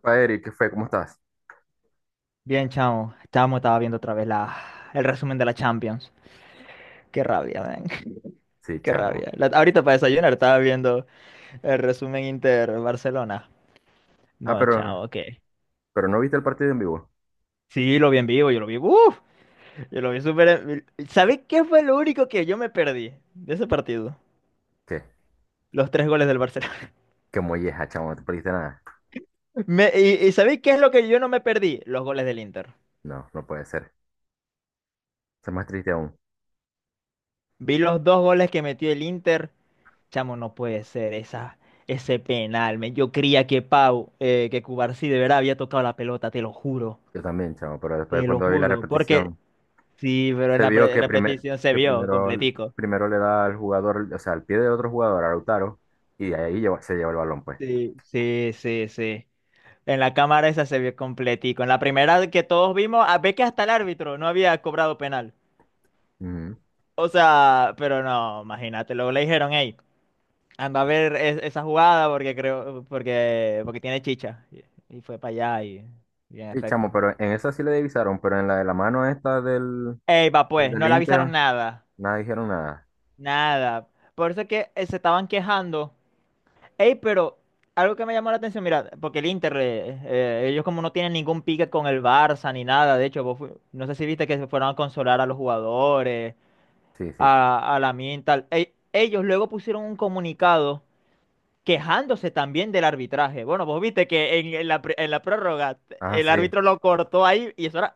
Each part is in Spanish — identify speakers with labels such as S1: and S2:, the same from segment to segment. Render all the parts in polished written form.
S1: Pa, Eric, ¿qué fue? ¿Cómo estás?
S2: Bien, chamo. Chamo, estaba viendo otra vez el resumen de la Champions. Qué rabia, ven.
S1: Sí,
S2: Qué
S1: chamo.
S2: rabia. Ahorita para desayunar estaba viendo el resumen Inter Barcelona.
S1: Ah,
S2: No,
S1: pero,
S2: chavo, ¿qué?
S1: pero no viste el partido en vivo.
S2: Sí, lo vi en vivo, yo lo vi. ¡Uf! Yo lo vi súper. ¿Sabés qué fue lo único que yo me perdí de ese partido?
S1: ¿Qué?
S2: Los tres goles del Barcelona.
S1: Qué molleja, chamo, no te perdiste nada.
S2: ¿Y sabéis qué es lo que yo no me perdí? Los goles del Inter.
S1: No, no puede ser. Eso es más triste aún.
S2: Vi los dos goles que metió el Inter. Chamo, no puede ser ese penal, men. Yo creía que Cubarsí de verdad había tocado la pelota, te lo juro,
S1: Yo también, chamo, pero después
S2: te lo
S1: cuando vi la
S2: juro. Porque
S1: repetición,
S2: sí, pero en
S1: se
S2: la
S1: vio que, primer,
S2: repetición se
S1: que
S2: vio
S1: primero,
S2: completico.
S1: primero le da al jugador, o sea, al pie de otro jugador, a Lautaro, y se lleva el balón, pues.
S2: Sí, sí, sí, sí. En la cámara esa se vio completico. En la primera que todos vimos, a ver que hasta el árbitro no había cobrado penal.
S1: Ujú.
S2: O sea, pero no, imagínate, luego le dijeron, hey, anda a ver esa jugada porque creo, porque, porque tiene chicha. Y fue para allá y en
S1: Sí, chamo,
S2: efecto.
S1: pero en esa sí le divisaron, pero en la de la mano esta
S2: Ey, va, pues,
S1: del
S2: no le avisaron
S1: Inter,
S2: nada,
S1: nada dijeron nada.
S2: nada. Por eso es que se estaban quejando. Ey, pero algo que me llamó la atención, mira, porque el Inter, ellos como no tienen ningún pique con el Barça ni nada, de hecho, vos no sé si viste que se fueron a consolar a los jugadores,
S1: Sí, sí.
S2: a la Mintal. Ey, ellos luego pusieron un comunicado quejándose también del arbitraje. Bueno, vos viste que en la prórroga
S1: Ah,
S2: el
S1: sí.
S2: árbitro lo cortó ahí y eso era-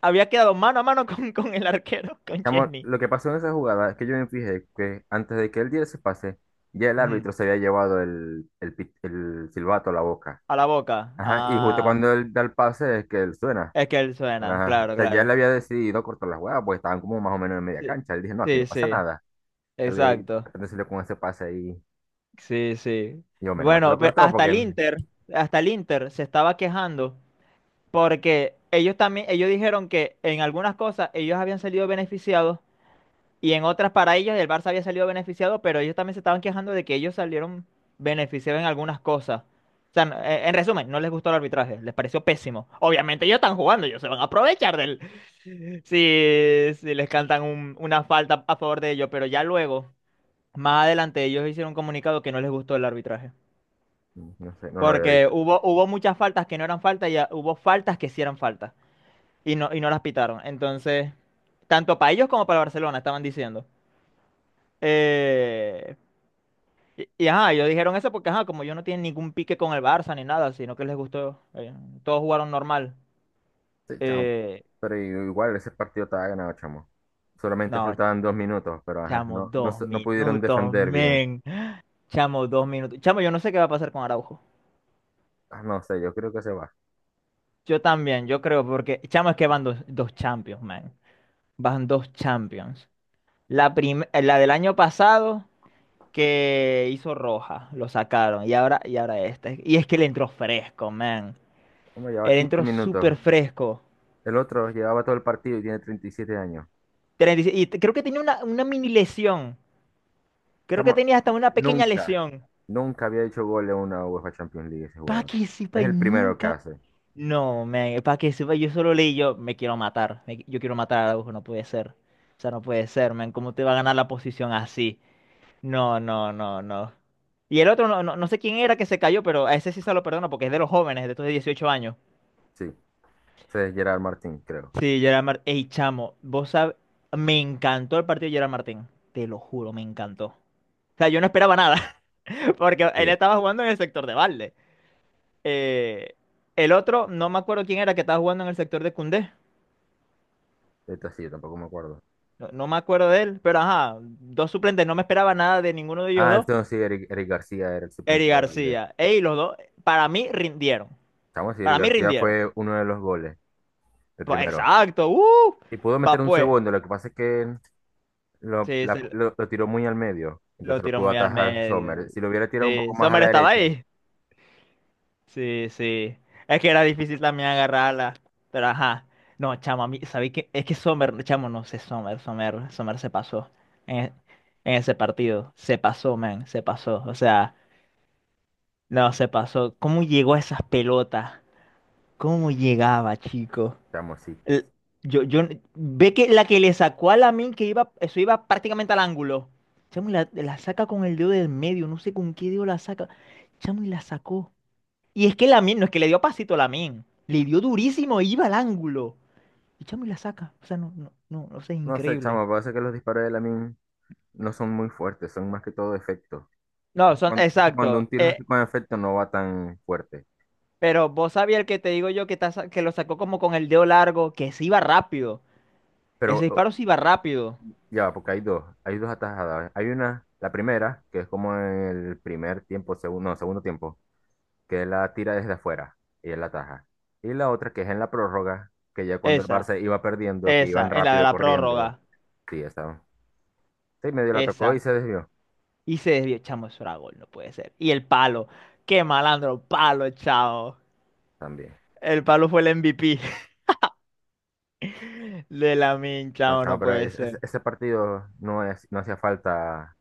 S2: había quedado mano a mano con el arquero, con
S1: Chamo,
S2: Chesney.
S1: lo que pasó en esa jugada es que yo me fijé que antes de que él diera ese pase, ya el
S2: Ujú.
S1: árbitro se había llevado el silbato a la boca.
S2: A la boca.
S1: Ajá, y justo
S2: Ah,
S1: cuando él da el pase es que él suena.
S2: es que él suena,
S1: Ajá, o
S2: claro,
S1: sea, ya él
S2: claro.
S1: había decidido cortar la jugada porque estaban como más o menos en media
S2: Sí,
S1: cancha. Él dije, no, aquí no
S2: sí,
S1: pasa
S2: sí,
S1: nada. Al de
S2: exacto.
S1: repente salió con ese pase ahí.
S2: Sí, sí.
S1: Y yo, menos mal que lo
S2: Bueno, pe-
S1: cortó
S2: hasta
S1: porque
S2: el Inter, hasta el Inter se estaba quejando porque ellos también, ellos dijeron que en algunas cosas ellos habían salido beneficiados y en otras para ellos el Barça había salido beneficiado, pero ellos también se estaban quejando de que ellos salieron beneficiados en algunas cosas. O sea, en resumen, no les gustó el arbitraje, les pareció pésimo. Obviamente ellos están jugando, ellos se van a aprovechar del, sí, sí, les cantan una falta a favor de ellos, pero ya luego, más adelante, ellos hicieron un comunicado que no les gustó el arbitraje.
S1: no sé, no lo había
S2: Porque
S1: visto.
S2: hubo muchas faltas que no eran faltas y hubo faltas que sí eran faltas y no las pitaron. Entonces, tanto para ellos como para Barcelona estaban diciendo. Eh, ajá, ellos dijeron eso porque, ajá, como ellos no tienen ningún pique con el Barça ni nada, sino que les gustó, todos jugaron normal.
S1: Sí, chamo.
S2: Eh,
S1: Pero igual ese partido estaba ganado, chamo. Solamente
S2: no,
S1: faltaban 2 minutos, pero ajá,
S2: chamo, dos
S1: no pudieron
S2: minutos,
S1: defender bien.
S2: men. Chamo, 2 minutos. Chamo, yo no sé qué va a pasar con Araujo.
S1: Ah, no sé, yo creo que se va.
S2: Yo también, yo creo, porque chamo es que van dos champions, man. Van dos champions. La del año pasado que hizo roja, lo sacaron. Y ahora esta. Y es que le entró fresco, man.
S1: Como lleva
S2: Él
S1: 15
S2: entró
S1: minutos.
S2: súper fresco.
S1: El otro llevaba todo el partido y tiene 37 años.
S2: 36 y seis y creo que tenía una mini lesión. Creo que
S1: Chamo,
S2: tenía hasta una pequeña
S1: nunca,
S2: lesión.
S1: nunca había hecho gol en una UEFA Champions League ese
S2: Pa'
S1: jugador.
S2: que sepa
S1: Es
S2: y
S1: el primero que
S2: nunca.
S1: hace.
S2: No, para que sepa, yo solo leí yo, me quiero matar, yo quiero matar a Araujo, no puede ser. O sea, no puede ser, man, ¿cómo te va a ganar la posición así? No, no, no, no. Y el otro, no, no, no sé quién era que se cayó, pero a ese sí se lo perdono porque es de los jóvenes, de estos de 18 años.
S1: Sí, ese es Gerard Martín, creo.
S2: Sí, Gerard Martín. Ey, chamo, vos sabes, me encantó el partido de Gerard Martín, te lo juro, me encantó. O sea, yo no esperaba nada, porque él
S1: Sí,
S2: estaba jugando en el sector de balde. Eh, el otro, no me acuerdo quién era que estaba jugando en el sector de Koundé.
S1: esto sí, yo tampoco me acuerdo.
S2: No, no me acuerdo de él, pero ajá, dos suplentes, no me esperaba nada de ninguno de ellos
S1: Ah,
S2: dos.
S1: entonces sí, Eric García era el
S2: Eri
S1: suplente de Valdés.
S2: García. Ey, los dos, para mí rindieron.
S1: Chamo, sí,
S2: Para
S1: Eric
S2: mí
S1: García
S2: rindieron.
S1: fue uno de los goles, el
S2: Pues,
S1: primero.
S2: exacto,
S1: Y pudo meter
S2: va
S1: un
S2: pues.
S1: segundo, lo que pasa es que
S2: Sí, se
S1: lo tiró muy al medio,
S2: lo
S1: entonces lo
S2: tiró
S1: pudo
S2: muy al
S1: atajar
S2: medio.
S1: Sommer. Si lo hubiera tirado un poco
S2: Sí,
S1: más a
S2: Sommer
S1: la
S2: estaba
S1: derecha,
S2: ahí. Sí, sí. Es que era difícil también agarrarla. Pero ajá. No, chamo, a mí, ¿sabéis qué? Es que Sommer, chamo, no sé, Sommer, Sommer, Sommer se pasó en, e- en ese partido. Se pasó, man, se pasó. O sea, no, se pasó. ¿Cómo llegó a esas pelotas? ¿Cómo llegaba, chico?
S1: chamo, sí.
S2: El- yo, yo, Ve que la que le sacó a Lamine, que iba, eso iba prácticamente al ángulo. Chamo, y la saca con el dedo del medio, no sé con qué dedo la saca. Chamo, y la sacó. Y es que Lamine, no es que le dio pasito a Lamine, le dio durísimo, iba al ángulo. Y chamo, y la saca. O sea, no, no, no, no sé, es
S1: No sé,
S2: increíble.
S1: chamo, parece que los disparos de Lamin no son muy fuertes, son más que todo efectos.
S2: No, son,
S1: Cuando, cuando
S2: exacto.
S1: un tiro es así con efecto no va tan fuerte.
S2: Pero vos sabías el que te digo yo que, que lo sacó como con el dedo largo, que se iba rápido. Ese
S1: Pero
S2: disparo se iba rápido.
S1: ya, porque hay dos atajadas. Hay una, la primera, que es como en el primer tiempo, segundo, no, segundo tiempo, que él la tira desde afuera y él la ataja. Y la otra, que es en la prórroga, que ya cuando el
S2: Esa,
S1: Barça iba perdiendo, que
S2: esa,
S1: iban
S2: en la de
S1: rápido
S2: la
S1: corriendo.
S2: prórroga.
S1: Sí, esa. Sí, medio la tocó
S2: Esa.
S1: y se desvió
S2: Y se desvió. Chamo, eso era gol, no puede ser. Y el palo. Qué malandro, palo, chao.
S1: también.
S2: El palo fue el MVP de Lamine,
S1: No,
S2: chamo,
S1: chamo,
S2: no
S1: pero
S2: puede ser.
S1: ese partido no, es, no hacía falta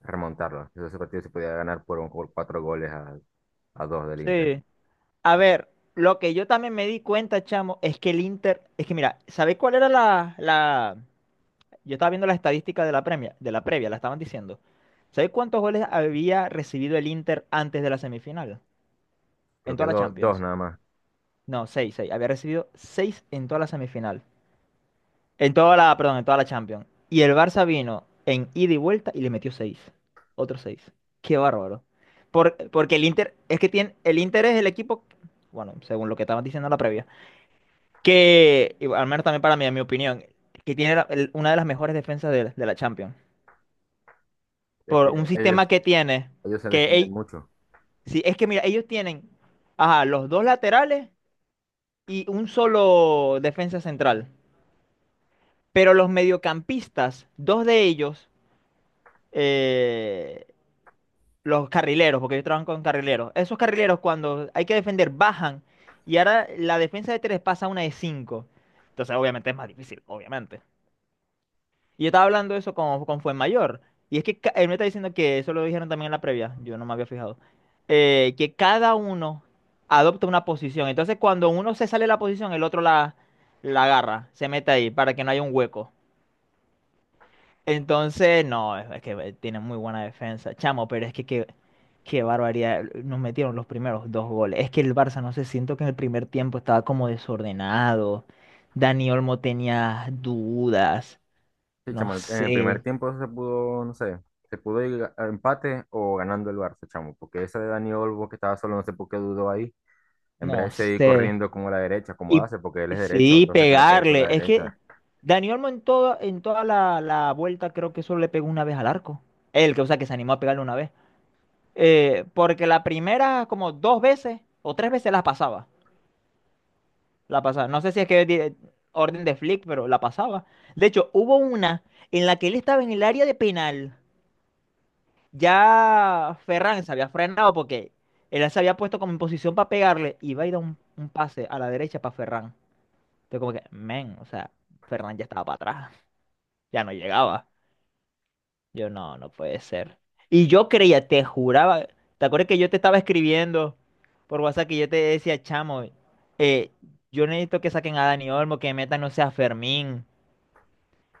S1: remontarlo. Ese partido se podía ganar por 4 goles a dos del Inter.
S2: Sí. A ver, lo que yo también me di cuenta, chamo, es que el Inter, es que mira, ¿sabéis cuál era? Yo estaba viendo las estadísticas de la previa, la estaban diciendo. ¿Sabéis cuántos goles había recibido el Inter antes de la semifinal? En
S1: Creo que
S2: toda la
S1: dos
S2: Champions.
S1: nada más.
S2: No, seis, seis. Había recibido seis en toda la semifinal. En toda la, perdón, en toda la Champions. Y el Barça vino en ida y vuelta y le metió seis. Otros seis. Qué bárbaro. Porque el Inter es el equipo, bueno, según lo que estaban diciendo en la previa. Que, y al menos también para mí, en mi opinión, que tiene una de las mejores defensas de la Champions.
S1: Es que
S2: Por un
S1: ellos,
S2: sistema que tiene,
S1: ellos se
S2: que
S1: defienden
S2: ell-
S1: mucho.
S2: sí, es que mira, ellos tienen ajá, los dos laterales y un solo defensa central. Pero los mediocampistas, dos de ellos, eh, los carrileros, porque ellos trabajan con carrileros, esos carrileros cuando hay que defender bajan y ahora la defensa de tres pasa a una de cinco. Entonces obviamente es más difícil, obviamente. Y yo estaba hablando eso con Fuenmayor. Y es que él me está diciendo que eso lo dijeron también en la previa. Yo no me había fijado. Que cada uno adopta una posición. Entonces, cuando uno se sale de la posición, el otro la agarra, se mete ahí para que no haya un hueco. Entonces, no, es que tiene muy buena defensa, chamo, pero es que qué barbaridad. Nos metieron los primeros dos goles. Es que el Barça, no sé, siento que en el primer tiempo estaba como desordenado. Dani Olmo tenía dudas,
S1: Sí,
S2: no
S1: chamo, en el primer
S2: sé.
S1: tiempo se pudo, no sé, se pudo ir a empate o ganando el Barça, chamo, porque esa de Dani Olmo que estaba solo, no sé por qué dudó ahí, en vez de
S2: No
S1: seguir
S2: sé.
S1: corriendo como la derecha, como
S2: Y
S1: hace, porque él
S2: y
S1: es derecho,
S2: sí,
S1: entonces que le pegue con la
S2: pegarle. Es que
S1: derecha.
S2: Dani Olmo en toda la vuelta creo que solo le pegó una vez al arco. Él, que, o sea, que se animó a pegarle una vez. Porque la primera, como dos veces o tres veces la pasaba. La pasaba. No sé si es que orden de Flick, pero la pasaba. De hecho, hubo una en la que él estaba en el área de penal. Ya Ferran se había frenado porque él se había puesto como en posición para pegarle y va a ir a un, pase a la derecha para Ferran. Entonces como que, men, o sea, Fernández ya estaba para atrás, ya no llegaba. No, no puede ser. Y yo creía, te juraba, ¿te acuerdas que yo te estaba escribiendo por WhatsApp que yo te decía, chamo, eh, yo necesito que saquen a Dani Olmo, que metan, no sea Fermín.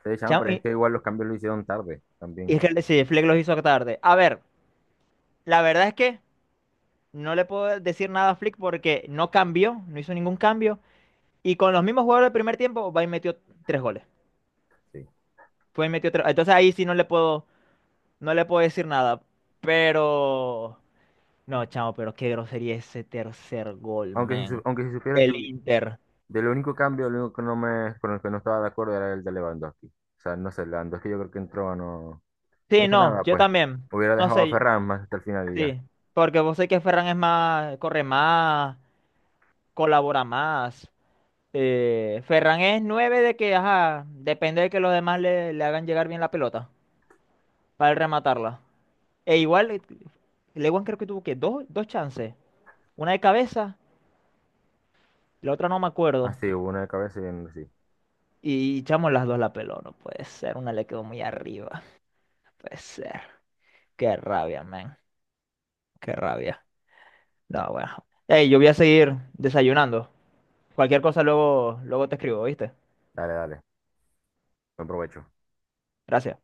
S1: Sí, chamo,
S2: Chamo,
S1: pero es
S2: y,
S1: que igual los cambios lo hicieron tarde
S2: y
S1: también,
S2: es que sí, Flick los hizo tarde. A ver, la verdad es que no le puedo decir nada a Flick porque no cambió, no hizo ningún cambio. Y con los mismos jugadores del primer tiempo, va y metió tres goles.
S1: sí.
S2: Fue y metió tres. Entonces ahí sí no le puedo. No le puedo decir nada, pero. No, chamo, pero qué grosería ese tercer gol,
S1: Aunque
S2: men.
S1: aunque si supieras,
S2: Del
S1: yo,
S2: Inter.
S1: del único cambio, el único que no me, con el que no estaba de acuerdo era el de Lewandowski. O sea, no sé, Lewandowski yo creo que entró, no, no
S2: Sí,
S1: hizo
S2: no,
S1: nada,
S2: yo
S1: pues.
S2: también.
S1: Hubiera
S2: No
S1: dejado a
S2: sé,
S1: Ferran más hasta el final y ya.
S2: sí. Porque vos sé que Ferran es más, corre más, colabora más. Ferran es nueve de que, ajá, depende de que los demás le hagan llegar bien la pelota para él rematarla. E igual, Lewan creo que tuvo que dos chances. Una de cabeza, la otra no me acuerdo.
S1: Así, hubo una de cabeza sí.
S2: Y chamo, las dos la peló, no puede ser. Una le quedó muy arriba, no puede ser. Qué rabia, man. Qué rabia. No, bueno. Ey, yo voy a seguir desayunando. Cualquier cosa luego, luego te escribo, ¿viste?
S1: Dale, dale. Buen provecho.
S2: Gracias.